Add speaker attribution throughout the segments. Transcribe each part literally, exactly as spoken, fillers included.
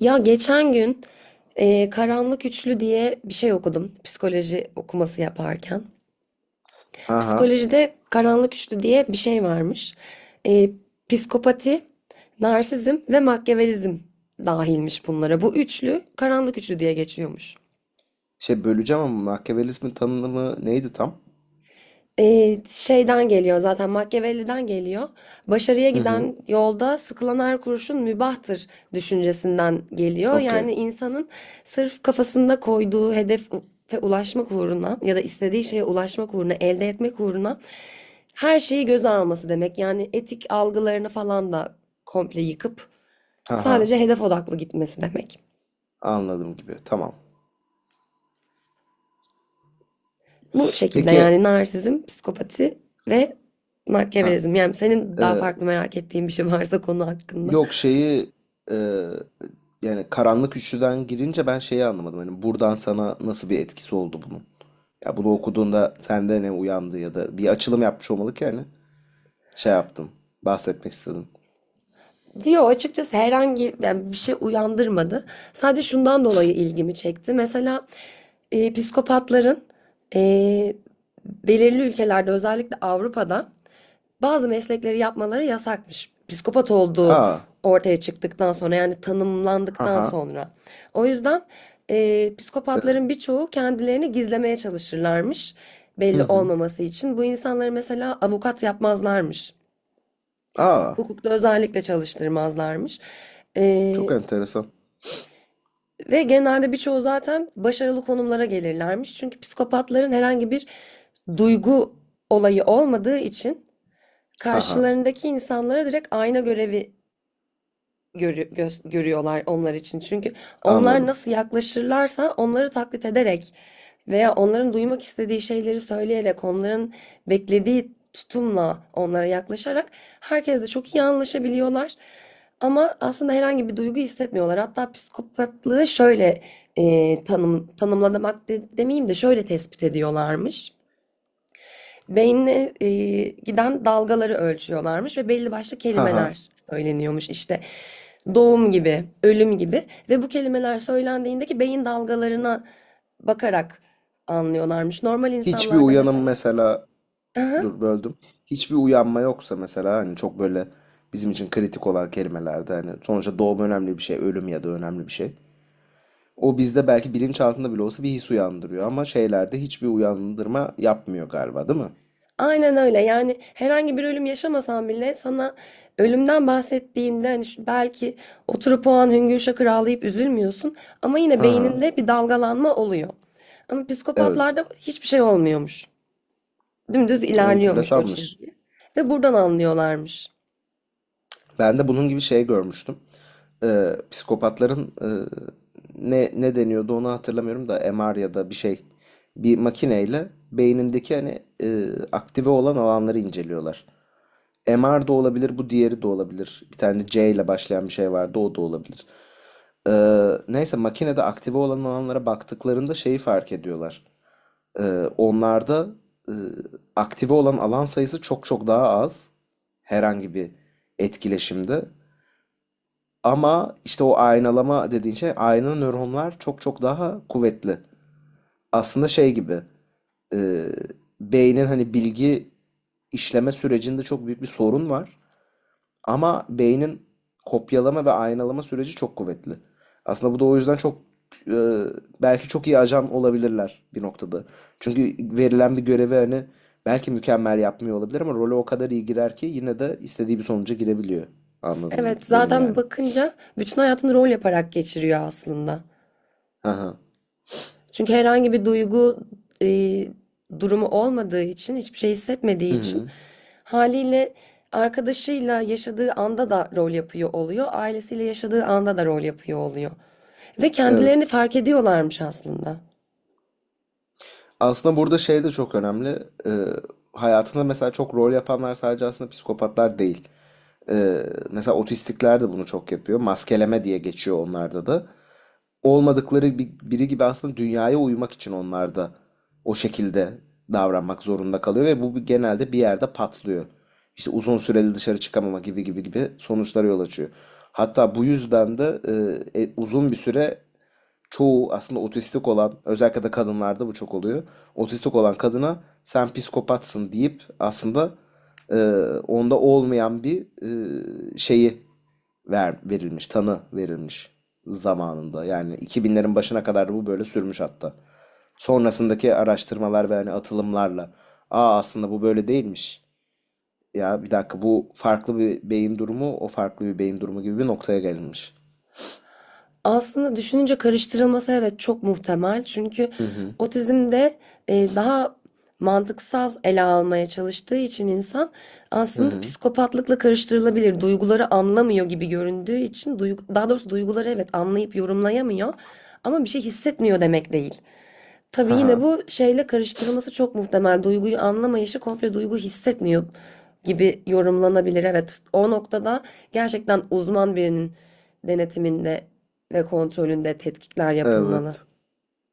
Speaker 1: Ya geçen gün e, Karanlık Üçlü diye bir şey okudum. Psikoloji okuması yaparken.
Speaker 2: Ha ha.
Speaker 1: Psikolojide Karanlık Üçlü diye bir şey varmış. E, psikopati, narsizm ve makyavelizm dahilmiş bunlara. Bu üçlü Karanlık Üçlü diye geçiyormuş.
Speaker 2: Şey böleceğim ama makyavelizmin tanımı neydi tam?
Speaker 1: Ee, şeyden geliyor zaten, Machiavelli'den geliyor. Başarıya
Speaker 2: Hı hı.
Speaker 1: giden yolda sıkılan her kuruşun mübahtır düşüncesinden geliyor. Yani
Speaker 2: Okey.
Speaker 1: insanın sırf kafasında koyduğu hedefe ulaşmak uğruna ya da istediği şeye ulaşmak uğruna, elde etmek uğruna her şeyi göze alması demek. Yani etik algılarını falan da komple yıkıp
Speaker 2: Ha ha.
Speaker 1: sadece hedef odaklı gitmesi demek.
Speaker 2: Anladım gibi. Tamam.
Speaker 1: Bu şekilde
Speaker 2: Peki
Speaker 1: yani narsizm, psikopati ve
Speaker 2: ha
Speaker 1: Machiavellizm. Yani senin
Speaker 2: e,
Speaker 1: daha farklı merak ettiğin bir şey varsa konu hakkında.
Speaker 2: yok şeyi, e, yani karanlık üçlüden girince ben şeyi anlamadım. Hani buradan sana nasıl bir etkisi oldu bunun? Ya bunu okuduğunda sende ne uyandı ya da bir açılım yapmış olmalı ki, yani şey yaptım. Bahsetmek istedim.
Speaker 1: Diyor açıkçası herhangi yani bir şey uyandırmadı. Sadece şundan dolayı ilgimi çekti. Mesela e, psikopatların e, belirli ülkelerde özellikle Avrupa'da bazı meslekleri yapmaları yasakmış. Psikopat olduğu
Speaker 2: Aa.
Speaker 1: ortaya çıktıktan sonra yani
Speaker 2: Ha
Speaker 1: tanımlandıktan
Speaker 2: ha.
Speaker 1: sonra. O yüzden e, psikopatların birçoğu kendilerini gizlemeye çalışırlarmış
Speaker 2: Hı
Speaker 1: belli
Speaker 2: hı.
Speaker 1: olmaması için. Bu insanları mesela avukat yapmazlarmış.
Speaker 2: Aa.
Speaker 1: Hukukta özellikle çalıştırmazlarmış.
Speaker 2: Çok
Speaker 1: E,
Speaker 2: enteresan.
Speaker 1: ve genelde birçoğu zaten başarılı konumlara gelirlermiş. Çünkü psikopatların herhangi bir duygu olayı olmadığı için
Speaker 2: Ha ha.
Speaker 1: karşılarındaki insanlara direkt ayna görevi görü- göz- görüyorlar onlar için. Çünkü onlar
Speaker 2: Anladım.
Speaker 1: nasıl yaklaşırlarsa onları taklit ederek veya onların duymak istediği şeyleri söyleyerek, onların beklediği tutumla onlara yaklaşarak herkesle çok iyi anlaşabiliyorlar. Ama aslında herhangi bir duygu hissetmiyorlar. Hatta psikopatlığı şöyle e, tanım, tanımlamak de- demeyeyim de şöyle tespit ediyorlarmış. Beynine, eee, giden dalgaları ölçüyorlarmış ve belli başlı
Speaker 2: Ha ha.
Speaker 1: kelimeler söyleniyormuş. İşte doğum gibi, ölüm gibi, ve bu kelimeler söylendiğindeki beyin dalgalarına bakarak anlıyorlarmış. Normal
Speaker 2: Hiçbir
Speaker 1: insanlarda
Speaker 2: uyanım
Speaker 1: mesela.
Speaker 2: mesela,
Speaker 1: Aha,
Speaker 2: dur böldüm. Hiçbir uyanma yoksa mesela hani çok böyle bizim için kritik olan kelimelerde, hani sonuçta doğum önemli bir şey, ölüm ya da önemli bir şey. O bizde belki bilinçaltında bile olsa bir his uyandırıyor, ama şeylerde hiçbir uyandırma yapmıyor galiba, değil mi?
Speaker 1: aynen öyle. Yani herhangi bir ölüm yaşamasan bile sana ölümden bahsettiğinde hani şu- belki oturup o an hüngür şakır ağlayıp üzülmüyorsun ama yine
Speaker 2: Hı hı.
Speaker 1: beyninde bir dalgalanma oluyor. Ama
Speaker 2: Evet.
Speaker 1: psikopatlarda hiçbir şey olmuyormuş. Dümdüz ilerliyormuş o
Speaker 2: Enteresanmış.
Speaker 1: çizgi. Ve buradan anlıyorlarmış.
Speaker 2: Ben de bunun gibi şey görmüştüm. Ee, psikopatların e, ne ne deniyordu onu hatırlamıyorum da, M R ya da bir şey. Bir makineyle beynindeki hani e, aktive olan alanları inceliyorlar. M R da olabilir, bu diğeri de olabilir. Bir tane C ile başlayan bir şey vardı, o da olabilir. Ee, neyse makinede aktive olan alanlara baktıklarında şeyi fark ediyorlar. Ee, onlarda e, aktive olan alan sayısı çok çok daha az herhangi bir etkileşimde. Ama işte o aynalama dediğin şey, ayna nöronlar çok çok daha kuvvetli. Aslında şey gibi, e, beynin hani bilgi işleme sürecinde çok büyük bir sorun var. Ama beynin kopyalama ve aynalama süreci çok kuvvetli. Aslında bu da o yüzden çok, e, belki çok iyi ajan olabilirler bir noktada. Çünkü verilen bir görevi hani belki mükemmel yapmıyor olabilir ama role o kadar iyi girer ki yine de istediği bir sonuca girebiliyor. Anladığım gibi
Speaker 1: Evet,
Speaker 2: benim,
Speaker 1: zaten
Speaker 2: yani.
Speaker 1: bakınca bütün hayatını rol yaparak geçiriyor aslında.
Speaker 2: Hı.
Speaker 1: Çünkü herhangi bir duygu e, durumu olmadığı için, hiçbir şey hissetmediği
Speaker 2: Hı
Speaker 1: için
Speaker 2: hı.
Speaker 1: haliyle arkadaşıyla yaşadığı anda da rol yapıyor oluyor, ailesiyle yaşadığı anda da rol yapıyor oluyor. Ve
Speaker 2: Evet.
Speaker 1: kendilerini fark ediyorlarmış aslında.
Speaker 2: Aslında burada şey de çok önemli. Ee, hayatında mesela çok rol yapanlar sadece aslında psikopatlar değil. Ee, mesela otistikler de bunu çok yapıyor. Maskeleme diye geçiyor onlarda da. Olmadıkları bir- biri gibi aslında dünyaya uymak için onlar da o şekilde davranmak zorunda kalıyor ve bu bir- genelde bir yerde patlıyor. İşte uzun süreli dışarı çıkamama gibi gibi gibi sonuçlara yol açıyor. Hatta bu yüzden de, e, e, uzun bir süre çoğu aslında otistik olan, özellikle de kadınlarda bu çok oluyor. Otistik olan kadına sen psikopatsın deyip aslında, e, onda olmayan bir e, şeyi, ver, verilmiş, tanı verilmiş zamanında. Yani iki binlerin başına kadar da bu böyle sürmüş hatta. Sonrasındaki araştırmalar ve hani atılımlarla, aa, aslında bu böyle değilmiş. Ya bir dakika, bu farklı bir beyin durumu, o farklı bir beyin durumu gibi bir noktaya gelinmiş.
Speaker 1: Aslında düşününce karıştırılması evet çok muhtemel. Çünkü
Speaker 2: Hı hı.
Speaker 1: otizmde e, daha mantıksal ele almaya çalıştığı için insan
Speaker 2: Hı
Speaker 1: aslında
Speaker 2: hı.
Speaker 1: psikopatlıkla karıştırılabilir. Duyguları anlamıyor gibi göründüğü için duygu- daha doğrusu duyguları evet anlayıp yorumlayamıyor ama bir şey hissetmiyor demek değil. Tabii
Speaker 2: Hı
Speaker 1: yine
Speaker 2: hı.
Speaker 1: bu şeyle karıştırılması çok muhtemel. Duyguyu anlamayışı komple duygu hissetmiyor gibi yorumlanabilir. Evet, o noktada gerçekten uzman birinin denetiminde ve kontrolünde tetkikler yapılmalı.
Speaker 2: Evet.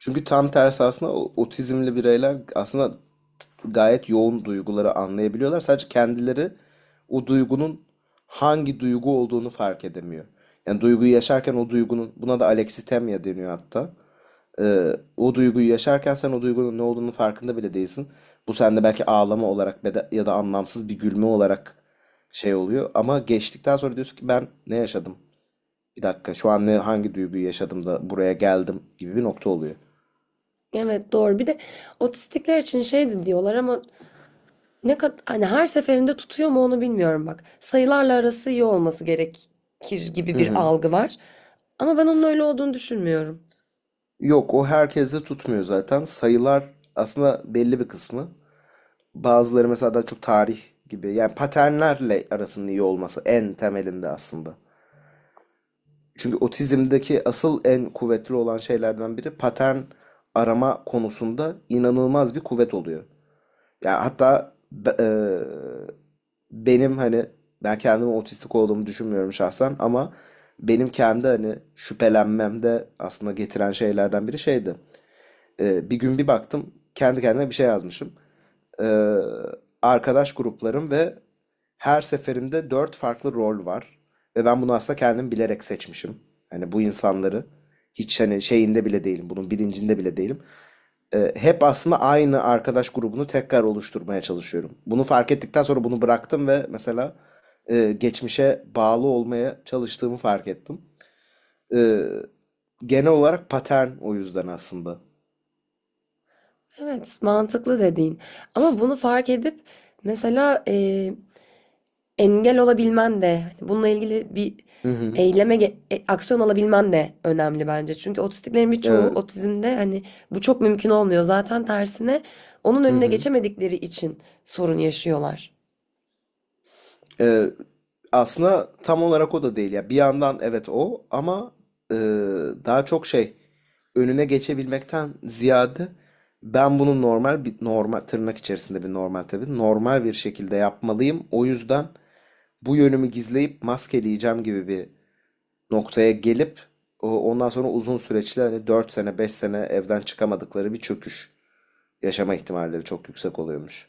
Speaker 2: Çünkü tam tersi aslında o- otizmli bireyler aslında gayet yoğun duyguları anlayabiliyorlar. Sadece kendileri o duygunun hangi duygu olduğunu fark edemiyor. Yani duyguyu yaşarken o duygunun, buna da alexitemya deniyor hatta. Ee, o duyguyu yaşarken sen o duygunun ne olduğunu farkında bile değilsin. Bu sende belki ağlama olarak ya da, ya da anlamsız bir gülme olarak şey oluyor. Ama geçtikten sonra diyorsun ki, ben ne yaşadım? Bir dakika, şu an ne, hangi duyguyu yaşadım da buraya geldim gibi bir nokta oluyor.
Speaker 1: Evet, doğru. Bir de otistikler için şey de diyorlar ama ne kadar hani her seferinde tutuyor mu onu bilmiyorum bak. Sayılarla arası iyi olması gerekir gibi
Speaker 2: Hı
Speaker 1: bir
Speaker 2: hı.
Speaker 1: algı var. Ama ben onun öyle olduğunu düşünmüyorum.
Speaker 2: Yok, o herkeste tutmuyor zaten. Sayılar aslında belli bir kısmı. Bazıları mesela daha çok tarih gibi. Yani paternlerle arasının iyi olması en temelinde aslında. Çünkü otizmdeki asıl en kuvvetli olan şeylerden biri, patern arama konusunda inanılmaz bir kuvvet oluyor. Yani hatta be- eee, benim hani ben kendimi otistik olduğumu düşünmüyorum şahsen, ama benim kendi hani şüphelenmemde aslında getiren şeylerden biri şeydi. Ee, bir gün bir baktım kendi kendime bir şey yazmışım. Ee, arkadaş gruplarım ve her seferinde dört farklı rol var. Ve ben bunu aslında kendim bilerek seçmişim. Hani bu insanları, hiç hani şeyinde bile değilim, bunun bilincinde bile değilim. Ee, hep aslında aynı arkadaş grubunu tekrar oluşturmaya çalışıyorum. Bunu fark ettikten sonra bunu bıraktım ve mesela, e, geçmişe bağlı olmaya çalıştığımı fark ettim. Ee, genel olarak patern o yüzden aslında.
Speaker 1: Evet, mantıklı dediğin. Ama bunu fark edip mesela e, engel olabilmen de hani bununla ilgili bir
Speaker 2: Hı hı.
Speaker 1: eyleme ge- e, aksiyon alabilmen de önemli bence. Çünkü otistiklerin birçoğu
Speaker 2: Evet.
Speaker 1: otizmde hani bu çok mümkün olmuyor. Zaten tersine onun
Speaker 2: Hı
Speaker 1: önüne
Speaker 2: hı.
Speaker 1: geçemedikleri için sorun yaşıyorlar.
Speaker 2: Ee, aslında tam olarak o da değil ya. Bir yandan evet o, ama e, daha çok şey, önüne geçebilmekten ziyade ben bunu normal bir, normal tırnak içerisinde bir normal, tabii normal bir şekilde yapmalıyım. O yüzden bu yönümü gizleyip maskeleyeceğim gibi bir noktaya gelip, o- ondan sonra uzun süreçli hani dört sene beş sene evden çıkamadıkları bir çöküş yaşama ihtimalleri çok yüksek oluyormuş.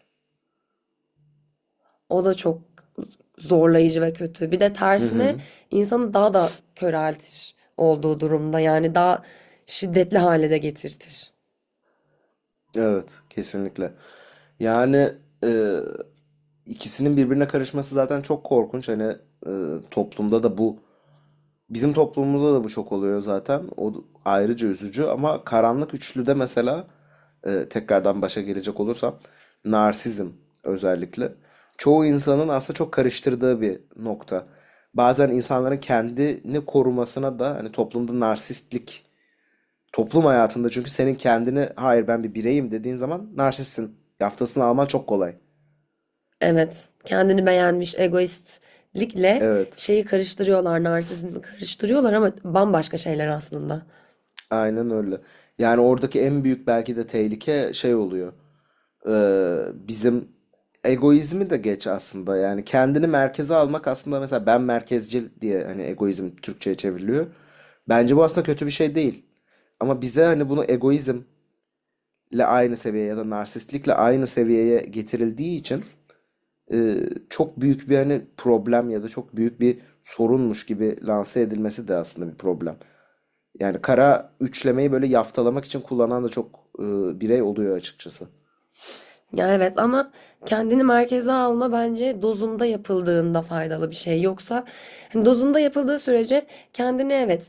Speaker 1: O da çok zorlayıcı ve kötü. Bir de
Speaker 2: Hı
Speaker 1: tersine
Speaker 2: hı.
Speaker 1: insanı daha da köreltir olduğu durumda. Yani daha şiddetli hale de getirtir.
Speaker 2: Evet, kesinlikle. Yani, e, ikisinin birbirine karışması zaten çok korkunç. Hani, e, toplumda da bu, bizim toplumumuzda da bu çok oluyor zaten. O ayrıca üzücü, ama karanlık üçlüde mesela, e, tekrardan başa gelecek olursam, narsizm özellikle çoğu insanın aslında çok karıştırdığı bir nokta. Bazen insanların kendini korumasına da hani toplumda narsistlik, toplum hayatında çünkü senin kendini, hayır ben bir bireyim dediğin zaman narsistsin yaftasını alman çok kolay.
Speaker 1: Evet, kendini beğenmiş egoistlikle
Speaker 2: Evet,
Speaker 1: şeyi karıştırıyorlar, narsizmi karıştırıyorlar ama bambaşka şeyler aslında.
Speaker 2: aynen öyle. Yani oradaki en büyük belki de tehlike şey oluyor. Ee, bizim egoizmi de geç aslında. Yani kendini merkeze almak aslında, mesela ben merkezcil diye hani egoizm Türkçe'ye çevriliyor. Bence bu aslında kötü bir şey değil. Ama bize hani bunu egoizmle aynı seviyeye ya da narsistlikle aynı seviyeye getirildiği için, e, çok büyük bir hani problem ya da çok büyük bir sorunmuş gibi lanse edilmesi de aslında bir problem. Yani kara üçlemeyi böyle yaftalamak için kullanan da çok, e, birey oluyor açıkçası.
Speaker 1: Ya evet, ama kendini merkeze alma bence dozunda yapıldığında faydalı bir şey. Yoksa hani dozunda yapıldığı sürece kendini evet,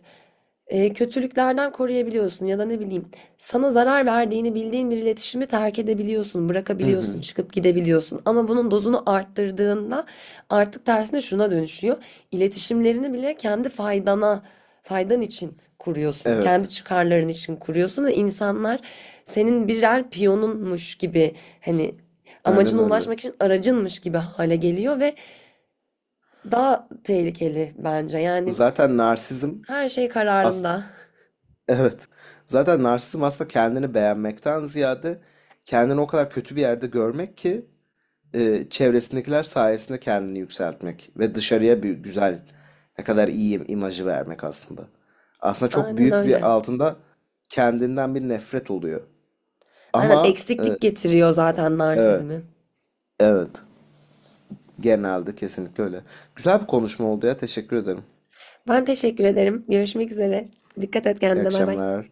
Speaker 1: e, kötülüklerden koruyabiliyorsun ya da ne bileyim sana zarar verdiğini bildiğin bir iletişimi terk edebiliyorsun,
Speaker 2: Hı
Speaker 1: bırakabiliyorsun,
Speaker 2: hı.
Speaker 1: çıkıp gidebiliyorsun. Ama bunun dozunu arttırdığında artık tersine şuna dönüşüyor. İletişimlerini bile kendi faydana, faydan için kuruyorsun. Kendi
Speaker 2: Evet.
Speaker 1: çıkarların için kuruyorsun ve insanlar senin birer piyonunmuş gibi hani
Speaker 2: Aynen
Speaker 1: amacına
Speaker 2: öyle.
Speaker 1: ulaşmak için aracınmış gibi hale geliyor ve daha tehlikeli bence. Yani
Speaker 2: Zaten narsizm
Speaker 1: her şey
Speaker 2: as
Speaker 1: kararında.
Speaker 2: evet. Zaten narsizm aslında kendini beğenmekten ziyade, kendini o kadar kötü bir yerde görmek ki, e, çevresindekiler sayesinde kendini yükseltmek ve dışarıya bir güzel, ne kadar iyi imajı vermek aslında. Aslında çok
Speaker 1: Aynen
Speaker 2: büyük bir
Speaker 1: öyle.
Speaker 2: altında kendinden bir nefret oluyor.
Speaker 1: Aynen,
Speaker 2: Ama, e,
Speaker 1: eksiklik getiriyor zaten
Speaker 2: evet,
Speaker 1: narsizmi.
Speaker 2: evet. Genelde kesinlikle öyle. Güzel bir konuşma oldu ya. Teşekkür ederim.
Speaker 1: Ben teşekkür ederim. Görüşmek üzere. Dikkat et
Speaker 2: İyi
Speaker 1: kendine. Bay bay.
Speaker 2: akşamlar.